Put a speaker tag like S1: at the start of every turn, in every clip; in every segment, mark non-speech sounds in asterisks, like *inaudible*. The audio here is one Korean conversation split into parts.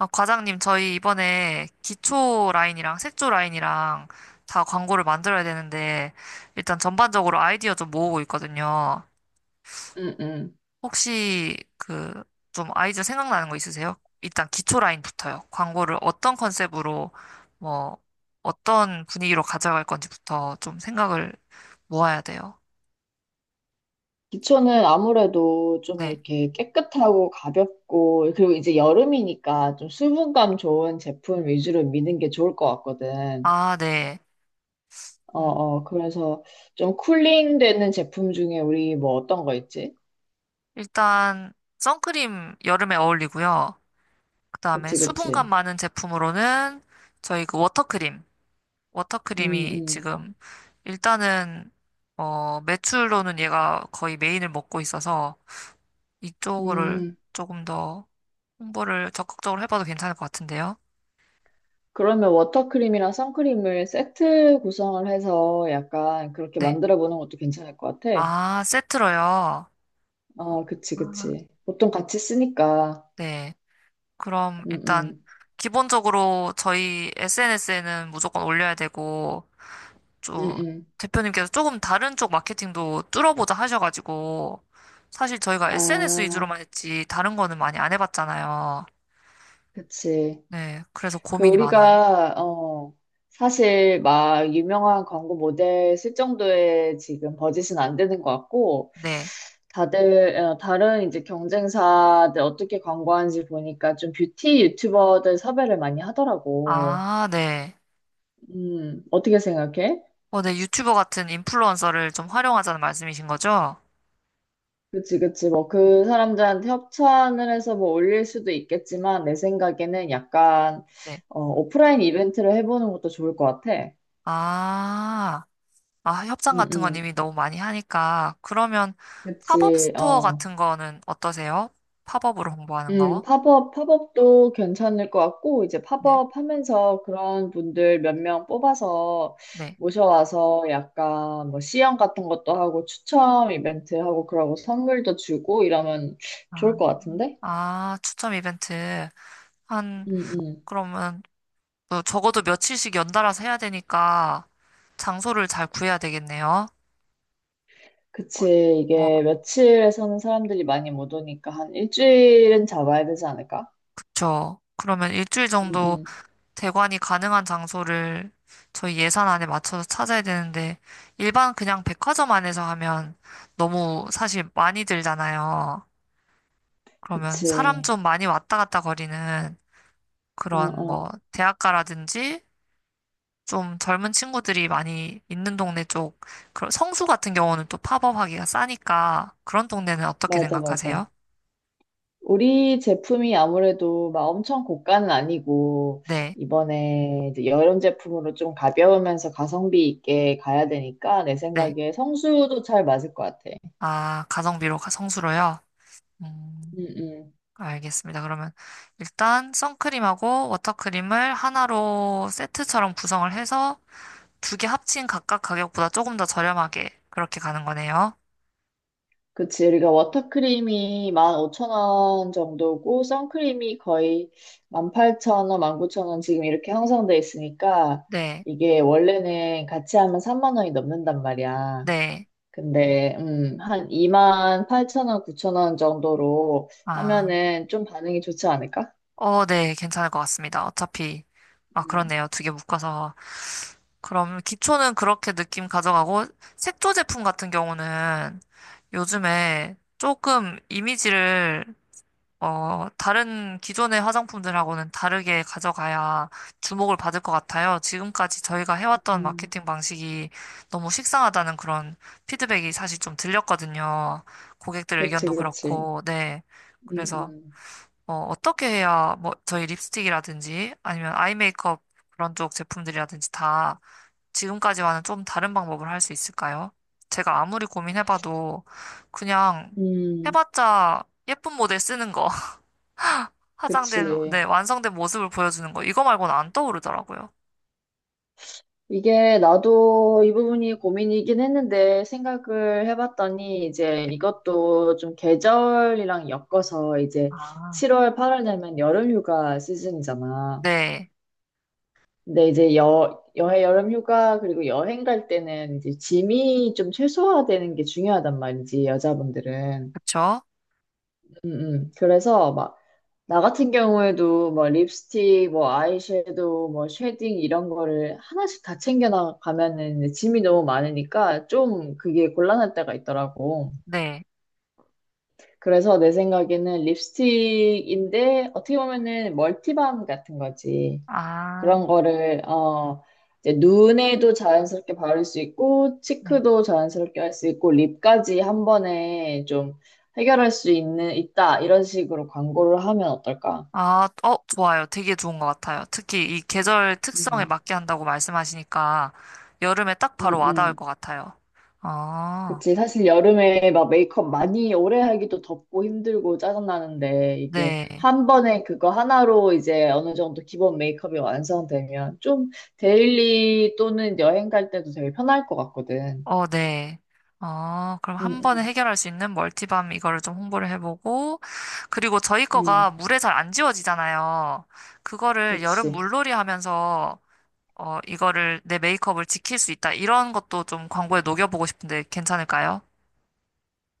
S1: 아, 과장님, 저희 이번에 기초 라인이랑 색조 라인이랑 다 광고를 만들어야 되는데, 일단 전반적으로 아이디어 좀 모으고 있거든요.
S2: 음, 음.
S1: 혹시 좀 아이디어 생각나는 거 있으세요? 일단 기초 라인부터요. 광고를 어떤 컨셉으로, 뭐, 어떤 분위기로 가져갈 건지부터 좀 생각을 모아야 돼요.
S2: 기초는 아무래도 좀
S1: 네.
S2: 이렇게 깨끗하고 가볍고, 그리고 이제 여름이니까 좀 수분감 좋은 제품 위주로 미는 게 좋을 것 같거든.
S1: 아, 네. 음,
S2: 그래서 좀 쿨링 되는 제품 중에 우리 뭐 어떤 거 있지?
S1: 일단, 선크림 여름에 어울리고요. 그다음에
S2: 그치,
S1: 수분감
S2: 그치.
S1: 많은 제품으로는 저희 그 워터크림.
S2: 음,
S1: 워터크림이
S2: 음.
S1: 지금 일단은 매출로는 얘가 거의 메인을 먹고 있어서 이쪽을
S2: 음,
S1: 조금 더 홍보를 적극적으로 해봐도 괜찮을 것 같은데요.
S2: 그러면 워터크림이랑 선크림을 세트 구성을 해서 약간 그렇게
S1: 네.
S2: 만들어 보는 것도 괜찮을 것 같아.
S1: 아, 세트로요.
S2: 그치,
S1: 아.
S2: 그치. 보통 같이 쓰니까.
S1: 네. 그럼
S2: 음,
S1: 일단
S2: 음.
S1: 기본적으로 저희 SNS에는 무조건 올려야 되고
S2: 음,
S1: 저
S2: 음.
S1: 대표님께서 조금 다른 쪽 마케팅도 뚫어보자 하셔가지고 사실 저희가 SNS
S2: 아.
S1: 위주로만 했지 다른 거는 많이 안 해봤잖아요.
S2: 그치.
S1: 네, 그래서
S2: 그
S1: 고민이 많아요.
S2: 우리가 사실 막 유명한 광고 모델 쓸 정도의 지금 버짓은 안 되는 것 같고,
S1: 네.
S2: 다들 다른 이제 경쟁사들 어떻게 광고하는지 보니까 좀 뷰티 유튜버들 섭외를 많이 하더라고.
S1: 아, 네.
S2: 어떻게 생각해?
S1: 네, 유튜버 같은 인플루언서를 좀 활용하자는 말씀이신 거죠?
S2: 그치, 그치. 뭐 그 사람들한테 협찬을 해서 뭐 올릴 수도 있겠지만 내 생각에는 약간
S1: 네.
S2: 오프라인 이벤트를 해보는 것도 좋을 것 같아.
S1: 아, 아, 협상 같은 건
S2: 응응.
S1: 이미 너무 많이 하니까 그러면 팝업
S2: 그치,
S1: 스토어
S2: 어.
S1: 같은 거는 어떠세요? 팝업으로 홍보하는 거?
S2: 팝업, 팝업도 괜찮을 것 같고, 이제
S1: 네,
S2: 팝업 하면서 그런 분들 몇 명 뽑아서
S1: 네.
S2: 모셔와서 약간 뭐 시연 같은 것도 하고 추첨 이벤트 하고 그러고 선물도 주고 이러면 좋을
S1: 아,
S2: 것 같은데?
S1: 아, 추첨 이벤트. 한
S2: 음, 음.
S1: 그러면 뭐 적어도 며칠씩 연달아서 해야 되니까 장소를 잘 구해야 되겠네요. 어,
S2: 그치,
S1: 뭐,
S2: 이게 며칠에 서는 사람들이 많이 못 오니까 한 일주일은 잡아야 되지 않을까?
S1: 그쵸. 그러면 일주일
S2: 음,
S1: 정도
S2: 음.
S1: 대관이 가능한 장소를 저희 예산 안에 맞춰서 찾아야 되는데, 일반 그냥 백화점 안에서 하면 너무 사실 많이 들잖아요. 그러면 사람
S2: 그치.
S1: 좀 많이 왔다 갔다 거리는
S2: 어,
S1: 그런 뭐,
S2: 어.
S1: 대학가라든지 좀 젊은 친구들이 많이 있는 동네 쪽, 그런 성수 같은 경우는 또 팝업하기가 싸니까 그런 동네는 어떻게
S2: 맞아, 맞아.
S1: 생각하세요?
S2: 우리 제품이 아무래도 막 엄청 고가는 아니고,
S1: 네,
S2: 이번에 이제 여름 제품으로 좀 가벼우면서 가성비 있게 가야 되니까, 내
S1: 네.
S2: 생각에 성수도 잘 맞을 것 같아.
S1: 아, 성수로요? 음,
S2: 음, 음.
S1: 알겠습니다. 그러면 일단 선크림하고 워터크림을 하나로 세트처럼 구성을 해서 두 개 합친 각각 가격보다 조금 더 저렴하게 그렇게 가는 거네요.
S2: 그치. 우리가 워터크림이 15,000원 정도고, 선크림이 거의 18,000원, 19,000원 지금 이렇게 형성돼 있으니까,
S1: 네,
S2: 이게 원래는 같이 하면 3만 원이 넘는단 말이야.
S1: 네.
S2: 근데 한 2만 8,000 원, 9천 원 정도로
S1: 아,
S2: 하면은 좀 반응이 좋지 않을까?
S1: 네. 괜찮을 것 같습니다. 어차피, 아,
S2: 음,
S1: 그렇네요. 두 개 묶어서. 그럼 기초는 그렇게 느낌 가져가고 색조 제품 같은 경우는 요즘에 조금 이미지를 다른 기존의 화장품들하고는 다르게 가져가야 주목을 받을 것 같아요. 지금까지 저희가 해왔던
S2: 음,
S1: 마케팅 방식이 너무 식상하다는 그런 피드백이 사실 좀 들렸거든요. 고객들
S2: 그치,
S1: 의견도
S2: 그치.
S1: 그렇고, 네.
S2: 음,
S1: 그래서
S2: 음,
S1: 어떻게 해야 뭐 저희 립스틱이라든지 아니면 아이 메이크업 그런 쪽 제품들이라든지 다 지금까지와는 좀 다른 방법을 할 수 있을까요? 제가 아무리 고민해봐도 그냥
S2: 음,
S1: 해봤자 예쁜 모델 쓰는 거, *laughs* 화장된,
S2: 그치.
S1: 네, 완성된 모습을 보여주는 거, 이거 말고는 안 떠오르더라고요.
S2: 이게 나도 이 부분이 고민이긴 했는데 생각을 해봤더니 이제 이것도 좀 계절이랑 엮어서, 이제
S1: 아,
S2: 7월, 8월 되면 여름휴가 시즌이잖아.
S1: 네,
S2: 근데 이제 여, 여해 여름 휴가 그리고 여행 갈 때는 이제 짐이 좀 최소화되는 게 중요하단 말이지, 여자분들은.
S1: 그쵸?
S2: 그래서 막 나 같은 경우에도 뭐 립스틱, 뭐 아이섀도우, 뭐 쉐딩 이런 거를 하나씩 다 챙겨나가면은 이제 짐이 너무 많으니까 좀 그게 곤란할 때가 있더라고.
S1: 네.
S2: 그래서 내 생각에는 립스틱인데 어떻게 보면은 멀티밤 같은 거지.
S1: 아,
S2: 그런 거를 이제 눈에도 자연스럽게 바를 수 있고
S1: 네.
S2: 치크도 자연스럽게 할 수 있고 립까지 한 번에 좀 해결할 수 있는, 있다, 이런 식으로 광고를 하면 어떨까?
S1: 아, 좋아요. 되게 좋은 것 같아요. 특히 이 계절 특성에
S2: 음,
S1: 맞게 한다고 말씀하시니까 여름에 딱
S2: 음,
S1: 바로 와닿을 것
S2: 음.
S1: 같아요. 아,
S2: 그치. 사실 여름에 막 메이크업 많이 오래 하기도 덥고 힘들고 짜증나는데, 이게
S1: 네.
S2: 한 번에 그거 하나로 이제 어느 정도 기본 메이크업이 완성되면 좀 데일리 또는 여행 갈 때도 되게 편할 것 같거든.
S1: 네. 그럼 한 번에
S2: 음,
S1: 해결할 수 있는 멀티밤 이거를 좀 홍보를 해보고, 그리고 저희
S2: 음,
S1: 거가
S2: 음.
S1: 물에 잘 안 지워지잖아요. 그거를 여름
S2: 그치.
S1: 물놀이 하면서, 이거를 내 메이크업을 지킬 수 있다. 이런 것도 좀 광고에 녹여보고 싶은데 괜찮을까요?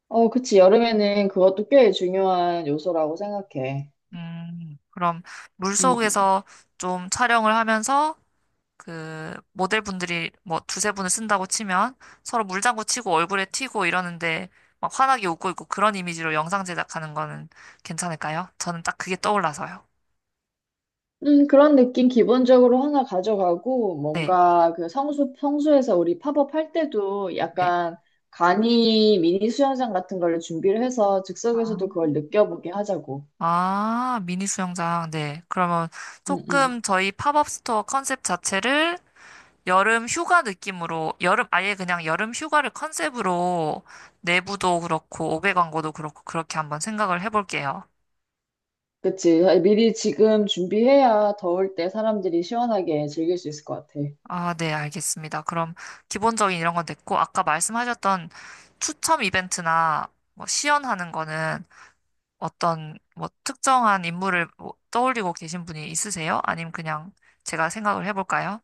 S2: 그치. 여름에는 그것도 꽤 중요한 요소라고 생각해.
S1: 그럼 물
S2: 음, 음.
S1: 속에서 좀 촬영을 하면서 그 모델분들이 뭐 두세 분을 쓴다고 치면 서로 물장구 치고 얼굴에 튀고 이러는데 막 환하게 웃고 있고 그런 이미지로 영상 제작하는 거는 괜찮을까요? 저는 딱 그게 떠올라서요.
S2: 그런 느낌 기본적으로 하나 가져가고,
S1: 네.
S2: 뭔가 그 성수, 성수에서 우리 팝업 할 때도
S1: 네.
S2: 약간 간이 미니 수영장 같은 걸 준비를 해서
S1: 아,
S2: 즉석에서도 그걸 느껴보게 하자고.
S1: 아, 미니 수영장. 네. 그러면
S2: 음, 음.
S1: 조금 저희 팝업 스토어 컨셉 자체를 여름 휴가 느낌으로, 여름, 아예 그냥 여름 휴가를 컨셉으로 내부도 그렇고, 오배 광고도 그렇고, 그렇게 한번 생각을 해볼게요.
S2: 그치. 미리 지금 준비해야 더울 때 사람들이 시원하게 즐길 수 있을 것 같아.
S1: 아, 네, 알겠습니다. 그럼 기본적인 이런 건 됐고, 아까 말씀하셨던 추첨 이벤트나 뭐 시연하는 거는 어떤 뭐 특정한 인물을 뭐 떠올리고 계신 분이 있으세요? 아님 그냥 제가 생각을 해볼까요?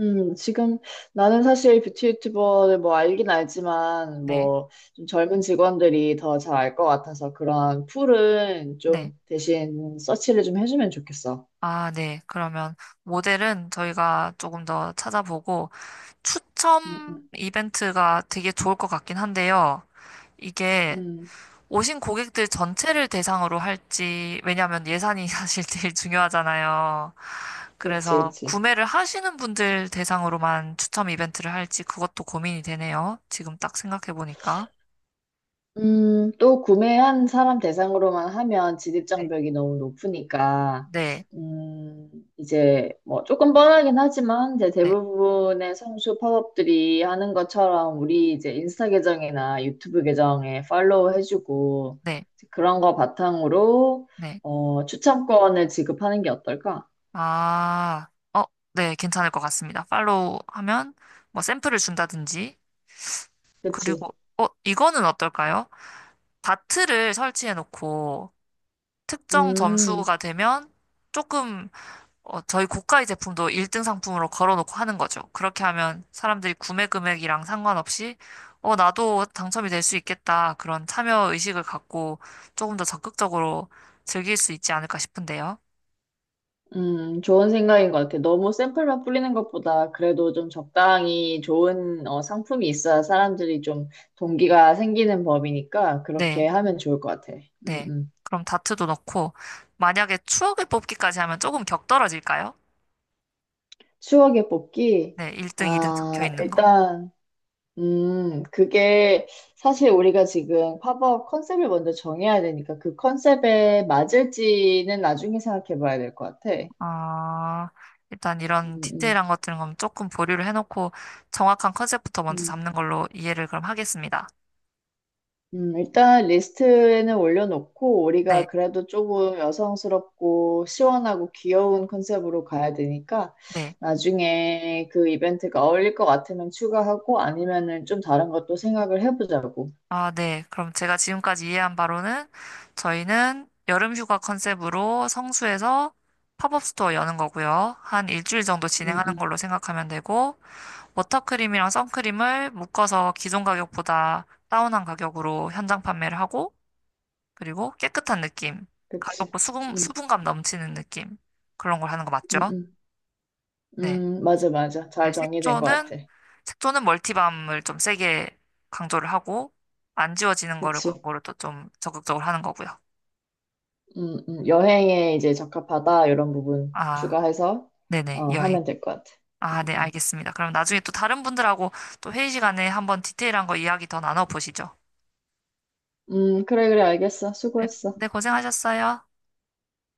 S2: 지금 나는 사실 뷰티 유튜버를 뭐 알긴 알지만
S1: 네,
S2: 뭐 좀 젊은 직원들이 더 잘 알 것 같아서 그런 풀은
S1: 네.
S2: 좀 대신 서치를 좀 해주면 좋겠어.
S1: 아, 네. 그러면 모델은 저희가 조금 더 찾아보고,
S2: 음,
S1: 추첨
S2: 음,
S1: 이벤트가 되게 좋을 것 같긴 한데요. 이게
S2: 음.
S1: 오신 고객들 전체를 대상으로 할지, 왜냐면 하 예산이 *laughs* 사실 제일 중요하잖아요.
S2: 그치,
S1: 그래서
S2: 그치.
S1: 구매를 하시는 분들 대상으로만 추첨 이벤트를 할지 그것도 고민이 되네요. 지금 딱 생각해 보니까.
S2: 또 구매한 사람 대상으로만 하면
S1: 네.
S2: 진입장벽이 너무 높으니까,
S1: 네,
S2: 음, 이제 뭐 조금 뻔하긴 하지만, 이제
S1: 네,
S2: 대부분의 성수 팝업들이 하는 것처럼 우리 이제 인스타 계정이나 유튜브 계정에 팔로우 해주고,
S1: 네,
S2: 이제 그런 거 바탕으로,
S1: 네.
S2: 추천권을 지급하는 게 어떨까?
S1: 아, 네, 괜찮을 것 같습니다. 팔로우 하면 뭐 샘플을 준다든지,
S2: 그치?
S1: 그리고, 이거는 어떨까요? 다트를 설치해 놓고 특정
S2: 음.
S1: 점수가 되면 조금 저희 고가의 제품도 1등 상품으로 걸어놓고 하는 거죠. 그렇게 하면 사람들이 구매 금액이랑 상관없이, 나도 당첨이 될 수 있겠다. 그런 참여 의식을 갖고 조금 더 적극적으로 즐길 수 있지 않을까 싶은데요.
S2: 좋은 생각인 것 같아. 너무 샘플만 뿌리는 것보다 그래도 좀 적당히 좋은, 상품이 있어야 사람들이 좀 동기가 생기는 법이니까 그렇게
S1: 네,
S2: 하면 좋을 것 같아. 음,
S1: 네.
S2: 음.
S1: 그럼 다트도 넣고, 만약에 추억을 뽑기까지 하면 조금 격떨어질까요?
S2: 추억의 뽑기.
S1: 네, 1등, 2등 적혀
S2: 아,
S1: 있는 거.
S2: 일단, 그게 사실 우리가 지금 팝업 컨셉을 먼저 정해야 되니까 그 컨셉에 맞을지는 나중에 생각해 봐야 될 것 같아.
S1: 아, 일단 이런
S2: 음,
S1: 디테일한 것들은 그럼 조금 보류를 해놓고 정확한 컨셉부터 먼저
S2: 음.
S1: 잡는 걸로 이해를 그럼 하겠습니다.
S2: 일단 리스트에는 올려놓고
S1: 네,
S2: 우리가 그래도 조금 여성스럽고 시원하고 귀여운 컨셉으로 가야 되니까
S1: 네.
S2: 나중에 그 이벤트가 어울릴 것 같으면 추가하고 아니면은 좀 다른 것도 생각을 해보자고.
S1: 아, 네. 그럼 제가 지금까지 이해한 바로는 저희는 여름 휴가 컨셉으로 성수에서 팝업 스토어 여는 거고요. 한 일주일 정도
S2: 음,
S1: 진행하는
S2: 음,
S1: 걸로 생각하면 되고, 워터크림이랑 선크림을 묶어서 기존 가격보다 다운한 가격으로 현장 판매를 하고, 그리고 깨끗한 느낌,
S2: 그치.
S1: 가볍고 수분,
S2: 음,
S1: 수분감 넘치는 느낌, 그런 걸 하는 거 맞죠?
S2: 음, 음,
S1: 네.
S2: 맞아, 맞아.
S1: 네,
S2: 잘 정리된 것
S1: 색조는
S2: 같아.
S1: 색조는 멀티밤을 좀 세게 강조를 하고 안 지워지는 거를
S2: 그치.
S1: 광고로 또 좀 적극적으로 하는 거고요.
S2: 여행에 이제 적합하다 이런 부분
S1: 아,
S2: 추가해서
S1: 네네, 여행.
S2: 하면 될 것 같아.
S1: 아,
S2: 음,
S1: 네,
S2: 음.
S1: 알겠습니다. 그럼 나중에 또 다른 분들하고 또 회의 시간에 한번 디테일한 거 이야기 더 나눠보시죠.
S2: 그래, 그래, 알겠어.
S1: 네,
S2: 수고했어.
S1: 네, 고생하셨어요.